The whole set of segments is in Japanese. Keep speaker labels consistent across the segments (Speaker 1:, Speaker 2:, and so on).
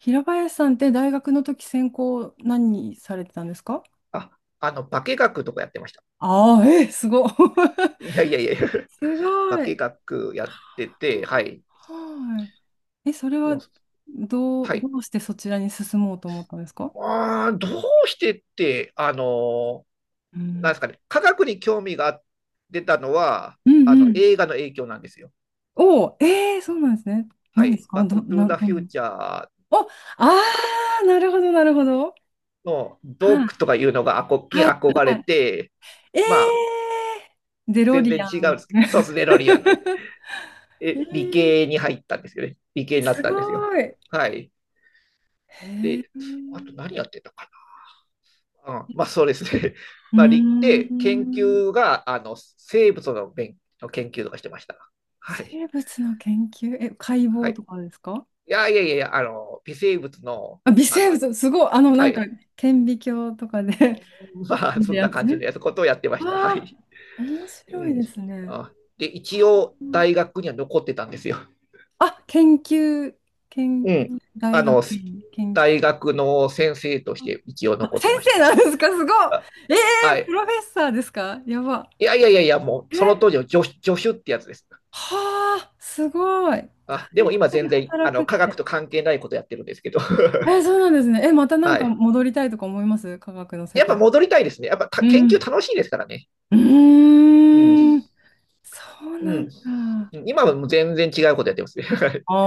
Speaker 1: 平林さんって大学の時専攻何されてたんですか？
Speaker 2: あ、あの、化学とかやってました。
Speaker 1: ああー、えー、すごい。
Speaker 2: いやいやいや、
Speaker 1: す
Speaker 2: 化
Speaker 1: ごい。
Speaker 2: 学やってて、はい。
Speaker 1: はい。え、それ
Speaker 2: も
Speaker 1: は
Speaker 2: う
Speaker 1: ど
Speaker 2: は
Speaker 1: う、
Speaker 2: い。
Speaker 1: どうしてそちらに進もうと思ったんですか？
Speaker 2: どうしてって、あの
Speaker 1: う
Speaker 2: ーなんで
Speaker 1: ん。
Speaker 2: すかね、科学に興味が出たのは、
Speaker 1: う
Speaker 2: あ
Speaker 1: んう
Speaker 2: の、
Speaker 1: ん。
Speaker 2: 映画の影響なんですよ。
Speaker 1: おお、えー、そうなんですね。
Speaker 2: は
Speaker 1: 何で
Speaker 2: い。
Speaker 1: すか？
Speaker 2: バックトゥーザ
Speaker 1: ど
Speaker 2: フ
Speaker 1: ん
Speaker 2: ュ
Speaker 1: な？
Speaker 2: ーチャー
Speaker 1: お、ああ、なるほど、なるほど。
Speaker 2: の
Speaker 1: は
Speaker 2: ドッ
Speaker 1: い、
Speaker 2: クとかいうのがあこに
Speaker 1: はい、
Speaker 2: 憧
Speaker 1: は
Speaker 2: れ
Speaker 1: い。
Speaker 2: て、まあ、
Speaker 1: えー、デロ
Speaker 2: 全
Speaker 1: リ
Speaker 2: 然
Speaker 1: ア
Speaker 2: 違うんで
Speaker 1: ン。
Speaker 2: すけど、そうですね、デロリアンで。
Speaker 1: え
Speaker 2: え、理
Speaker 1: ー、
Speaker 2: 系に入ったんですよね。理系になっ
Speaker 1: す
Speaker 2: たんですよ。
Speaker 1: ごい。へ
Speaker 2: はい。で、
Speaker 1: え。
Speaker 2: あと何やってたか、うん、まあそうですね。
Speaker 1: う
Speaker 2: まあ、行っ
Speaker 1: ー
Speaker 2: て研
Speaker 1: ん。
Speaker 2: 究が、あの、生物の勉の研究とかしてました。はい。
Speaker 1: 生物の研究、え、解
Speaker 2: は
Speaker 1: 剖と
Speaker 2: い。
Speaker 1: かですか？
Speaker 2: いやいやいやいや、あの、微生物の、
Speaker 1: あ、微
Speaker 2: あ
Speaker 1: 生
Speaker 2: の、
Speaker 1: 物、すごい、な
Speaker 2: は
Speaker 1: んか、
Speaker 2: い。
Speaker 1: 顕微鏡とかで
Speaker 2: まあ、
Speaker 1: 見る
Speaker 2: そんな
Speaker 1: やつ。
Speaker 2: 感じのやつことをやってました。は
Speaker 1: わあ、
Speaker 2: い。
Speaker 1: 面
Speaker 2: う
Speaker 1: 白い
Speaker 2: ん。
Speaker 1: ですね。
Speaker 2: あ、で、一応、
Speaker 1: うん。
Speaker 2: 大学には残ってたんですよ。
Speaker 1: あ、研究、研
Speaker 2: うん。
Speaker 1: 究、大
Speaker 2: あの、
Speaker 1: 学院、研究。
Speaker 2: 大学の先生として一応
Speaker 1: あ、
Speaker 2: 残っ
Speaker 1: 先
Speaker 2: てまし
Speaker 1: 生
Speaker 2: た。
Speaker 1: なんですか？すごい。
Speaker 2: あ、
Speaker 1: え
Speaker 2: は
Speaker 1: ー、プ
Speaker 2: い。
Speaker 1: ロフェッサーですか？やば。
Speaker 2: いやいやいやいや、もう、その
Speaker 1: え、
Speaker 2: 当時の助手ってやつです。
Speaker 1: はあ、すごい。
Speaker 2: あ、で
Speaker 1: 大
Speaker 2: も今
Speaker 1: 学で
Speaker 2: 全然、あ
Speaker 1: 働く
Speaker 2: の、
Speaker 1: っ
Speaker 2: 科学
Speaker 1: て。
Speaker 2: と関係ないことやってるんですけど。
Speaker 1: え、そうなんですね。え、またなん
Speaker 2: は
Speaker 1: か
Speaker 2: い。
Speaker 1: 戻りたいとか思います？科学の世
Speaker 2: やっぱ
Speaker 1: 界。
Speaker 2: 戻りたいですね。やっぱた
Speaker 1: う
Speaker 2: 研
Speaker 1: ん。
Speaker 2: 究楽しいですからね。
Speaker 1: う
Speaker 2: うん。
Speaker 1: ーん。そう
Speaker 2: う
Speaker 1: なん
Speaker 2: ん。
Speaker 1: だ。
Speaker 2: 今はもう全然違うことやってますね。
Speaker 1: あ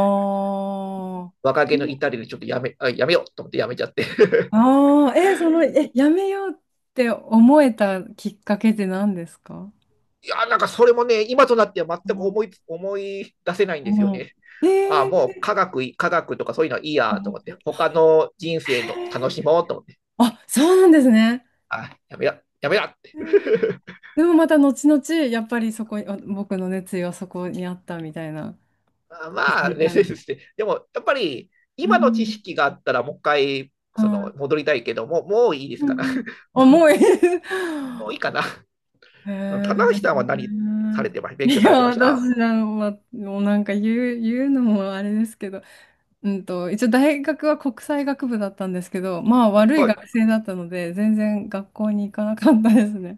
Speaker 1: ー
Speaker 2: 若気の至りでちょっとやめ、あやめようと思ってやめちゃって。
Speaker 1: あー。え、その、やめようって思えたきっかけって何ですか？
Speaker 2: いや、なんかそれもね、今となっては
Speaker 1: う
Speaker 2: 全く
Speaker 1: ん
Speaker 2: 思い、思い出せないんです
Speaker 1: う
Speaker 2: よ
Speaker 1: ん。
Speaker 2: ね。
Speaker 1: え
Speaker 2: ああもう
Speaker 1: ー、
Speaker 2: 科学、科学とかそういうのはいいやと
Speaker 1: あ
Speaker 2: 思って、
Speaker 1: 待って。
Speaker 2: 他の人生
Speaker 1: へ
Speaker 2: の楽
Speaker 1: ー。
Speaker 2: しもうと思って、
Speaker 1: あ、そうなんですね。
Speaker 2: ああやめや、やめやって。
Speaker 1: へー。 でもまた後々、やっぱりそこに、あ僕の熱意はそこにあったみたいな。
Speaker 2: あ
Speaker 1: 気
Speaker 2: ま
Speaker 1: づ
Speaker 2: あね、
Speaker 1: い
Speaker 2: で
Speaker 1: たみたいな。
Speaker 2: すねでも、やっぱり、
Speaker 1: う
Speaker 2: 今の知
Speaker 1: ん、
Speaker 2: 識があったら、もう一回、
Speaker 1: は
Speaker 2: その、
Speaker 1: い。
Speaker 2: 戻りたいけども、もういいで
Speaker 1: う
Speaker 2: す
Speaker 1: ん
Speaker 2: かな。
Speaker 1: うん。
Speaker 2: も
Speaker 1: 重い。
Speaker 2: う、もういいかな。
Speaker 1: へ
Speaker 2: 棚橋
Speaker 1: え。
Speaker 2: さんは何されてました、
Speaker 1: い
Speaker 2: 勉強さ
Speaker 1: や、
Speaker 2: れてまし
Speaker 1: 私、
Speaker 2: た？
Speaker 1: ま、もうなんか言うのもあれですけど、一応大学は国際学部だったんですけど、まあ悪い
Speaker 2: はい。
Speaker 1: 学
Speaker 2: い
Speaker 1: 生だったので、全然学校に行かなかったですね。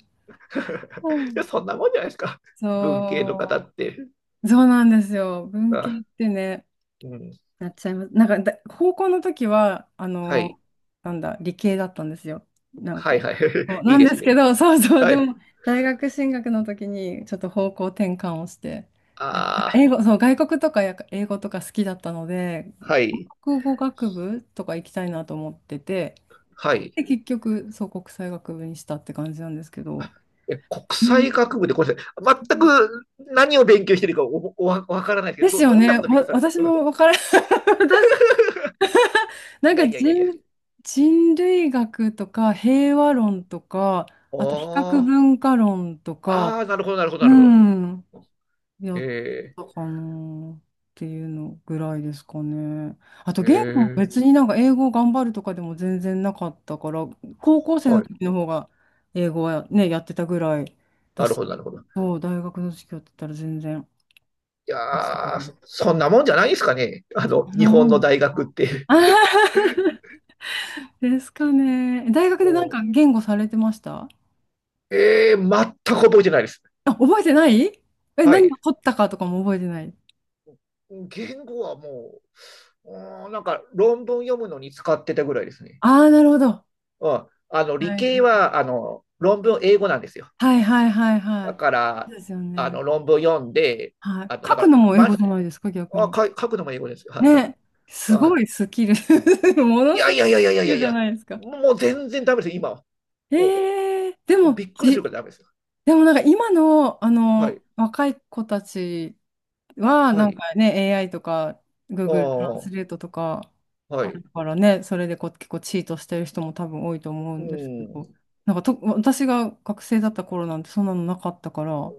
Speaker 1: う
Speaker 2: や、
Speaker 1: ん。
Speaker 2: そんなもんじゃないですか。文系の方
Speaker 1: そ
Speaker 2: って。
Speaker 1: う、そうなんですよ。文
Speaker 2: あ、
Speaker 1: 系ってね、
Speaker 2: うん。
Speaker 1: なっちゃいます。なんかだ、高校の時は、あ
Speaker 2: は
Speaker 1: の、
Speaker 2: い。
Speaker 1: なんだ、理系だったんですよ。なん
Speaker 2: は
Speaker 1: か。
Speaker 2: いはい。
Speaker 1: そう
Speaker 2: い
Speaker 1: な
Speaker 2: い
Speaker 1: ん
Speaker 2: で
Speaker 1: で
Speaker 2: す
Speaker 1: すけ
Speaker 2: ね。
Speaker 1: ど、そうそう、
Speaker 2: は
Speaker 1: で
Speaker 2: い。
Speaker 1: も、大学進学の時に、ちょっと方向転換をして、やっぱ
Speaker 2: あ
Speaker 1: 英語、そう、外国とかやっぱ英語とか好きだったので、
Speaker 2: あ、はい。
Speaker 1: 国語学部とか行きたいなと思ってて、
Speaker 2: はい。
Speaker 1: で、結局、そう、国際学部にしたって感じなんですけど。
Speaker 2: え、国
Speaker 1: うん。
Speaker 2: 際学部で、ごめんなさい。全く何を勉強してるかお、お、わわからないです
Speaker 1: で
Speaker 2: け
Speaker 1: す
Speaker 2: ど、
Speaker 1: よ
Speaker 2: ど、どんな
Speaker 1: ね。
Speaker 2: こと勉強されて
Speaker 1: 私
Speaker 2: る、うん、
Speaker 1: もわから、私なん
Speaker 2: いや
Speaker 1: か
Speaker 2: いやいやいや。
Speaker 1: 人類学とか平和論とか、あと比較
Speaker 2: あ
Speaker 1: 文化論とか、
Speaker 2: あ、ああ、なるほど、なるほど、
Speaker 1: う
Speaker 2: なるほど。
Speaker 1: ん、や
Speaker 2: え
Speaker 1: って
Speaker 2: え、
Speaker 1: たかなっていうのぐらいですかね。あと
Speaker 2: え
Speaker 1: 言語は
Speaker 2: え、
Speaker 1: 別になんか英語を頑張るとかでも全然なかったから、高校生の
Speaker 2: はい。
Speaker 1: 時の方が英語はね、やってたぐらいだ
Speaker 2: なる
Speaker 1: し、
Speaker 2: ほど、なるほど。
Speaker 1: そう、大学の授業だったら全然。
Speaker 2: いやー、そそんなもんじゃないですかね。あ
Speaker 1: あ
Speaker 2: の、日本
Speaker 1: の
Speaker 2: の大学って。
Speaker 1: ですかね。大 学
Speaker 2: う
Speaker 1: でなん
Speaker 2: ん、
Speaker 1: か言語されてました？
Speaker 2: ええ、全く覚えてないです。
Speaker 1: あ、覚えてない？え、
Speaker 2: は
Speaker 1: 何を
Speaker 2: い。
Speaker 1: 取ったかとかも覚えてない。
Speaker 2: 言語はもうーん、なんか論文読むのに使ってたぐらいですね。
Speaker 1: ああー、なるほど。は
Speaker 2: うん。あの、
Speaker 1: い
Speaker 2: 理系
Speaker 1: は
Speaker 2: は、あの、論文英語なんですよ。
Speaker 1: いはいはいはいは
Speaker 2: だ
Speaker 1: い。
Speaker 2: か
Speaker 1: そ
Speaker 2: ら、
Speaker 1: うですよ
Speaker 2: あ
Speaker 1: ね。
Speaker 2: の、論文読んで、
Speaker 1: はい。
Speaker 2: あの、
Speaker 1: 書
Speaker 2: だか
Speaker 1: く
Speaker 2: ら、
Speaker 1: のも英語
Speaker 2: ま、
Speaker 1: じゃないですか、逆
Speaker 2: あ、
Speaker 1: に。
Speaker 2: か、書くのも英語ですよ。はい。
Speaker 1: ね。すご
Speaker 2: あ、
Speaker 1: いスキル。も
Speaker 2: い
Speaker 1: のす
Speaker 2: や
Speaker 1: ごい
Speaker 2: いやいやいや
Speaker 1: ス
Speaker 2: い
Speaker 1: キ
Speaker 2: や
Speaker 1: ル
Speaker 2: い
Speaker 1: じゃ
Speaker 2: や、
Speaker 1: ないですか。
Speaker 2: もう全然ダメですよ、今は。お、
Speaker 1: ええ
Speaker 2: おびっくりするからダメですよ。
Speaker 1: でもなんか今の、
Speaker 2: はい。
Speaker 1: 若い子たちは、
Speaker 2: は
Speaker 1: なん
Speaker 2: い。
Speaker 1: かね、AI とか Google トラン
Speaker 2: あ
Speaker 1: ス
Speaker 2: あ、
Speaker 1: レートとか
Speaker 2: は
Speaker 1: ある
Speaker 2: い。
Speaker 1: からね、それでこう結構チートしてる人も多分多いと思う
Speaker 2: う
Speaker 1: んですけ
Speaker 2: ん。
Speaker 1: ど、なんかと、私が学生だった頃なんてそんなのなかったから、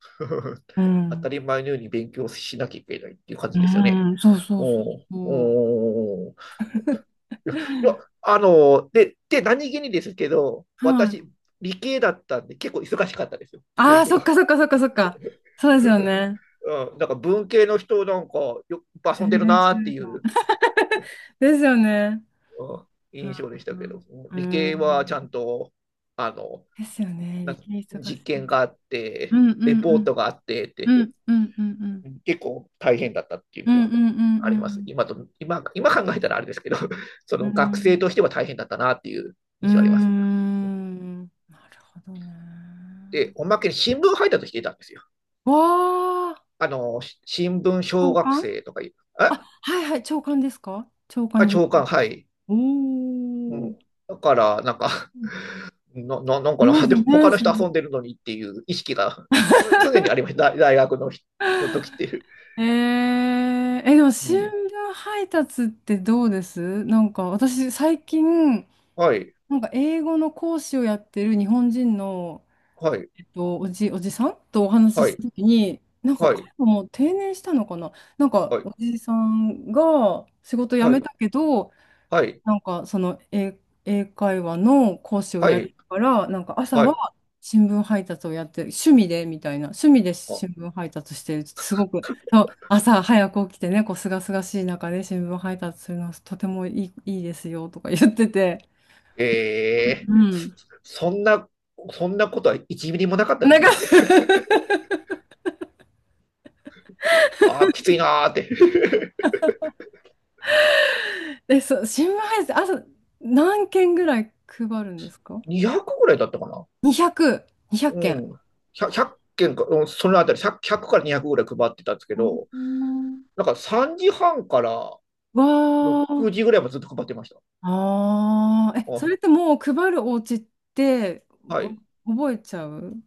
Speaker 1: う
Speaker 2: 当た
Speaker 1: ん。
Speaker 2: り前のように勉強しなきゃいけないっていう感
Speaker 1: う
Speaker 2: じですよね。
Speaker 1: ん、そうそ
Speaker 2: う
Speaker 1: うそう
Speaker 2: ん。
Speaker 1: そう。
Speaker 2: うん。いや、あの、で、で、何気にですけど、
Speaker 1: はい。
Speaker 2: 私、理系だったんで、結構忙しかったですよ、
Speaker 1: あ
Speaker 2: 勉
Speaker 1: あ、そ
Speaker 2: 強。
Speaker 1: っ かそっかそっかそっか。そうですよね。
Speaker 2: うん、なんか文系の人、なんかよ、
Speaker 1: 全
Speaker 2: 遊んでる
Speaker 1: 然
Speaker 2: なー
Speaker 1: 違
Speaker 2: って
Speaker 1: う
Speaker 2: い
Speaker 1: かも。
Speaker 2: う
Speaker 1: ですよね。
Speaker 2: 印象でし
Speaker 1: う
Speaker 2: たけど、
Speaker 1: んう
Speaker 2: 理
Speaker 1: ん。
Speaker 2: 系
Speaker 1: う
Speaker 2: はちゃん
Speaker 1: ん。
Speaker 2: と、あの、
Speaker 1: ですよね。
Speaker 2: な
Speaker 1: 理系忙し
Speaker 2: 実験
Speaker 1: い。
Speaker 2: があっ
Speaker 1: う
Speaker 2: て、
Speaker 1: んうん
Speaker 2: レ
Speaker 1: う
Speaker 2: ポー
Speaker 1: ん。
Speaker 2: トがあってって、
Speaker 1: うんうんうんうん。
Speaker 2: 結構大変だったっていう
Speaker 1: う
Speaker 2: の
Speaker 1: んう
Speaker 2: が
Speaker 1: んうん
Speaker 2: あり
Speaker 1: う
Speaker 2: ます。
Speaker 1: ん。
Speaker 2: 今と、今、今考えたらあれですけど、そ
Speaker 1: う
Speaker 2: の学生
Speaker 1: ん。
Speaker 2: としては大変だったなっていう
Speaker 1: うー
Speaker 2: 印象あります。
Speaker 1: ん。なるほどね。
Speaker 2: で、おまけに新聞配達していたんですよ。
Speaker 1: わあ、
Speaker 2: あの、し新聞小
Speaker 1: 長
Speaker 2: 学
Speaker 1: 官。
Speaker 2: 生とかいう、
Speaker 1: あ、
Speaker 2: え
Speaker 1: はいはい、長官ですか？長
Speaker 2: あ、
Speaker 1: 官言う
Speaker 2: 長官、
Speaker 1: か。
Speaker 2: はい。う
Speaker 1: おお。
Speaker 2: ん。だから、なんか な、な、なん
Speaker 1: あ
Speaker 2: か
Speaker 1: り
Speaker 2: な、
Speaker 1: ま す
Speaker 2: でも
Speaker 1: ね、
Speaker 2: 他の
Speaker 1: それ。
Speaker 2: 人遊んでるのにっていう意識がつ常にありました。大大学の日、の時っていう。
Speaker 1: えー、え、でも
Speaker 2: う
Speaker 1: 新
Speaker 2: ん。
Speaker 1: 聞配達ってどうです？なんか私最近、
Speaker 2: はい、
Speaker 1: なんか英語の講師をやってる日本人の
Speaker 2: はい、
Speaker 1: おじさんとお話
Speaker 2: は
Speaker 1: しし
Speaker 2: い、
Speaker 1: たときに、なんか
Speaker 2: はい、
Speaker 1: 彼ももう定年したのかな、なんか
Speaker 2: はい、
Speaker 1: おじさんが仕事辞
Speaker 2: は
Speaker 1: め
Speaker 2: い、
Speaker 1: たけど、
Speaker 2: はい、
Speaker 1: なんかその英会話の講師を
Speaker 2: は
Speaker 1: やる
Speaker 2: い、
Speaker 1: から、なんか朝
Speaker 2: はい。
Speaker 1: は新聞配達をやってる、趣味でみたいな、趣味で
Speaker 2: あ、
Speaker 1: 新聞配達してる、すごく、そう朝早く起きてね、こう、すがすがしい中で新聞配達するのはとてもいい、ですよとか言ってて、
Speaker 2: ええ
Speaker 1: うん。
Speaker 2: そんな、そんなことは1ミリもなかったで
Speaker 1: なん
Speaker 2: す
Speaker 1: か
Speaker 2: よ。ああ、きついなーって。
Speaker 1: え、そう、新聞配達、朝何件ぐらい配るんですか？
Speaker 2: 200ぐらいだったかな。
Speaker 1: 200、200
Speaker 2: う
Speaker 1: 件。
Speaker 2: ん。100、件か、うん、そのあたり1から200ぐらい配ってたんですけ
Speaker 1: う
Speaker 2: ど、
Speaker 1: ん。
Speaker 2: なんか3時半から
Speaker 1: わー、
Speaker 2: 6時ぐらいもずっと配ってました。
Speaker 1: あー、え、そ
Speaker 2: あ
Speaker 1: れってもう配るお家って
Speaker 2: は
Speaker 1: わ
Speaker 2: い。
Speaker 1: 覚えちゃう？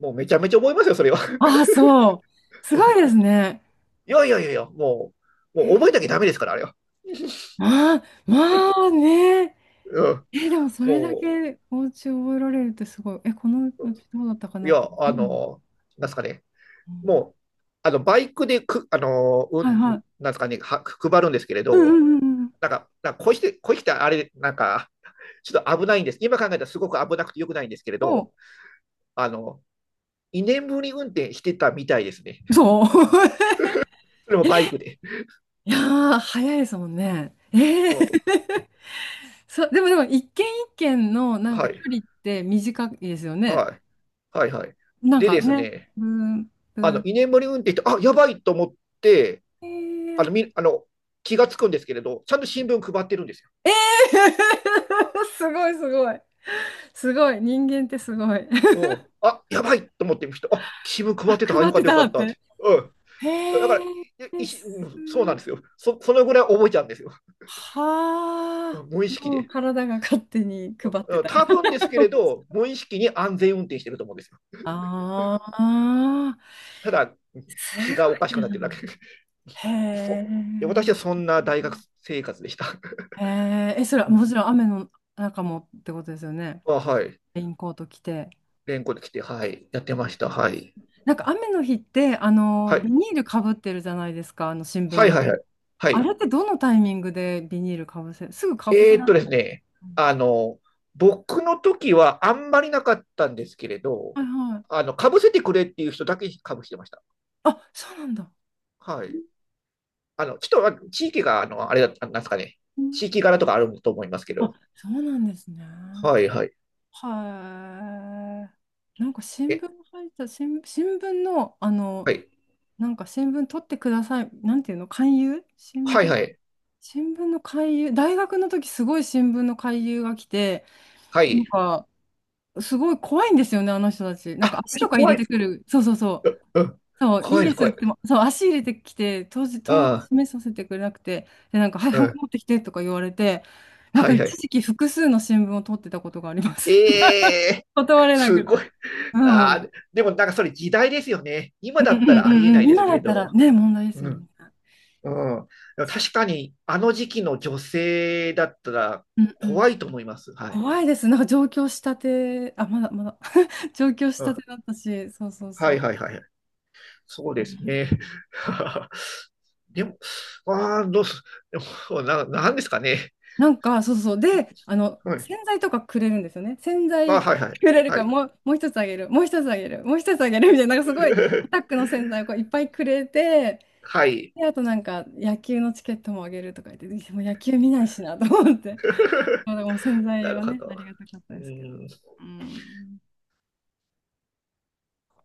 Speaker 2: もうめちゃめちゃ覚えますよ、それは。
Speaker 1: あー、そう。すごいです ね。
Speaker 2: いやいやいやいや、もう、もう覚えなきゃダメですから、あれは。
Speaker 1: ああ、まあね。
Speaker 2: うん。
Speaker 1: え、でもそれだ
Speaker 2: も
Speaker 1: けお家覚えられるってすごい。え、このお家どうだったか
Speaker 2: う、い
Speaker 1: なと。
Speaker 2: や、
Speaker 1: う
Speaker 2: あ
Speaker 1: ん
Speaker 2: の、なんすかね。
Speaker 1: うん。
Speaker 2: もう、あの、バイクでく、あの、うん、
Speaker 1: はいはい。
Speaker 2: なんすかね、は、配るんですけれ
Speaker 1: う
Speaker 2: ど、
Speaker 1: んうんうんうん。
Speaker 2: なんか、なんかこうして、こうしてあれ、なんか、ちょっと危ないんです。今考えたらすごく危なくてよくないんですけれど、
Speaker 1: お、
Speaker 2: あの、にねんぶり運転してたみたいですね。
Speaker 1: そう。
Speaker 2: それもバイクで。
Speaker 1: いやー、早いですもんね。ええ
Speaker 2: うん。
Speaker 1: そう、でも、一軒一軒のなん
Speaker 2: は
Speaker 1: か距
Speaker 2: い。
Speaker 1: 離って短いですよね。
Speaker 2: はい。はい。はい。
Speaker 1: なん
Speaker 2: で
Speaker 1: か
Speaker 2: です
Speaker 1: ね、
Speaker 2: ね、
Speaker 1: ブン、ブ
Speaker 2: あの
Speaker 1: ン、
Speaker 2: 居眠り運転して、あやばいと思って、
Speaker 1: え
Speaker 2: あの
Speaker 1: あ
Speaker 2: みあの、気がつくんですけれど、ちゃんと新聞配ってるんですよ。
Speaker 1: すごいすごい。すごい、人間ってすごい。
Speaker 2: う ん、あやばいと思ってみる人、あ新聞
Speaker 1: あ、
Speaker 2: 配ってた、
Speaker 1: 配
Speaker 2: よ
Speaker 1: っ
Speaker 2: かっ
Speaker 1: て
Speaker 2: たよか
Speaker 1: た
Speaker 2: っ
Speaker 1: っ
Speaker 2: たって。
Speaker 1: て。
Speaker 2: うん、だから
Speaker 1: へ
Speaker 2: い
Speaker 1: え、
Speaker 2: し、
Speaker 1: す
Speaker 2: そうな
Speaker 1: ご
Speaker 2: ん
Speaker 1: い。
Speaker 2: ですよそ。そのぐらい覚えちゃうんですよ。
Speaker 1: はあ、
Speaker 2: 無意識
Speaker 1: もう
Speaker 2: で。
Speaker 1: 体が勝手に配ってた。
Speaker 2: 多分ですけれ ど、無意識に安全運転してると思うんですよ。
Speaker 1: ああ、
Speaker 2: ただ、
Speaker 1: す
Speaker 2: 気がおかし
Speaker 1: ご
Speaker 2: く
Speaker 1: い
Speaker 2: なっ
Speaker 1: な。
Speaker 2: てるだけ。
Speaker 1: へ え。
Speaker 2: そ、私はそんな大学生活でした。
Speaker 1: へえ、え、それはもちろん雨の中もってことですよね。
Speaker 2: あはい。
Speaker 1: レインコート着て。
Speaker 2: 連行で来て、はい。やってました。はい。
Speaker 1: なんか雨の日って、
Speaker 2: は
Speaker 1: ビ
Speaker 2: い。
Speaker 1: ニールかぶってるじゃないですか、あの新聞
Speaker 2: はい
Speaker 1: が。
Speaker 2: はいはい。は
Speaker 1: あれ
Speaker 2: い。
Speaker 1: ってどのタイミングでビニールかぶせ、すぐかぶせられ
Speaker 2: です
Speaker 1: ない？
Speaker 2: ね、あの、僕の時はあんまりなかったんですけれど、
Speaker 1: はいはい。
Speaker 2: あの、かぶせてくれっていう人だけかぶしてました。
Speaker 1: あ、そうなんだ。
Speaker 2: はい。あの、ちょっとあ地域が、あの、あれだ、あなんですかね、
Speaker 1: うん。
Speaker 2: 地域柄とかあると思いますけ
Speaker 1: あ、
Speaker 2: ど、
Speaker 1: そうなんですね。
Speaker 2: はいはい。
Speaker 1: はい。なんか新
Speaker 2: え、
Speaker 1: 聞配達、新聞の、
Speaker 2: はい。
Speaker 1: なんか新聞取ってください。なんていうの、勧誘、
Speaker 2: はいはい。
Speaker 1: 新聞の勧誘、大学の時すごい新聞の勧誘が来て、
Speaker 2: は
Speaker 1: なん
Speaker 2: い。
Speaker 1: か、すごい怖いんですよね、あの人たち。なんか
Speaker 2: あ、
Speaker 1: 足と
Speaker 2: 私
Speaker 1: か入
Speaker 2: 怖
Speaker 1: れ
Speaker 2: いで
Speaker 1: て
Speaker 2: す。
Speaker 1: くる。そうそうそう。
Speaker 2: うん。
Speaker 1: そう、い
Speaker 2: 怖
Speaker 1: い
Speaker 2: いで
Speaker 1: で
Speaker 2: す、
Speaker 1: す
Speaker 2: 怖
Speaker 1: っ
Speaker 2: いで
Speaker 1: て
Speaker 2: す。
Speaker 1: も、そう、足入れてきて、当時、当
Speaker 2: ああ、
Speaker 1: 示させてくれなくて、で、なんか、はい、
Speaker 2: う
Speaker 1: ハンコ
Speaker 2: ん。
Speaker 1: 持ってきてとか言われて、なん
Speaker 2: は
Speaker 1: か
Speaker 2: い
Speaker 1: 一
Speaker 2: はい。
Speaker 1: 時期複数の新聞を取ってたことがあります。
Speaker 2: え え
Speaker 1: 断れな
Speaker 2: す
Speaker 1: く
Speaker 2: ごい。
Speaker 1: て。うん。
Speaker 2: あ
Speaker 1: う
Speaker 2: あ、
Speaker 1: ん
Speaker 2: でもなんかそれ時代ですよね。今
Speaker 1: う
Speaker 2: だ
Speaker 1: ん
Speaker 2: った
Speaker 1: う
Speaker 2: らありえ
Speaker 1: ん
Speaker 2: な
Speaker 1: う
Speaker 2: い
Speaker 1: ん。
Speaker 2: です
Speaker 1: 今
Speaker 2: け
Speaker 1: だ
Speaker 2: れ
Speaker 1: ったら
Speaker 2: ど。
Speaker 1: ね、問題で
Speaker 2: う
Speaker 1: す
Speaker 2: ん。う
Speaker 1: もん
Speaker 2: ん。
Speaker 1: ね。
Speaker 2: でも確かに、あの時期の女性だったら
Speaker 1: うんう
Speaker 2: 怖
Speaker 1: ん。
Speaker 2: いと思います。はい。
Speaker 1: 怖いです。なんか上京したて、あ、まだまだ 上京し
Speaker 2: う
Speaker 1: たて
Speaker 2: ん。
Speaker 1: だったし、そうそう
Speaker 2: は
Speaker 1: そ
Speaker 2: い
Speaker 1: う。
Speaker 2: はいはい。そうですね。でも、ああ、どうす、でも、な、なんですかね。
Speaker 1: なんか、そうそう。で、
Speaker 2: はい。
Speaker 1: 洗剤とかくれるんですよね。洗
Speaker 2: あ、
Speaker 1: 剤く
Speaker 2: はいはい。
Speaker 1: れるか
Speaker 2: は
Speaker 1: ら、
Speaker 2: い。
Speaker 1: もう一つあげる、もう一つあげる、もう一つあげるみたいな、なんかすごい、アタッ クの洗剤をこういっぱいくれて、
Speaker 2: はい。
Speaker 1: で、あとなんか、野球のチケットもあげるとか言って、でもう野球見ないしなと思って、まあ、でも洗剤
Speaker 2: なる
Speaker 1: は
Speaker 2: ほ
Speaker 1: ね、あ
Speaker 2: ど。
Speaker 1: りがたかった
Speaker 2: う
Speaker 1: ですけど。
Speaker 2: ーん
Speaker 1: うん。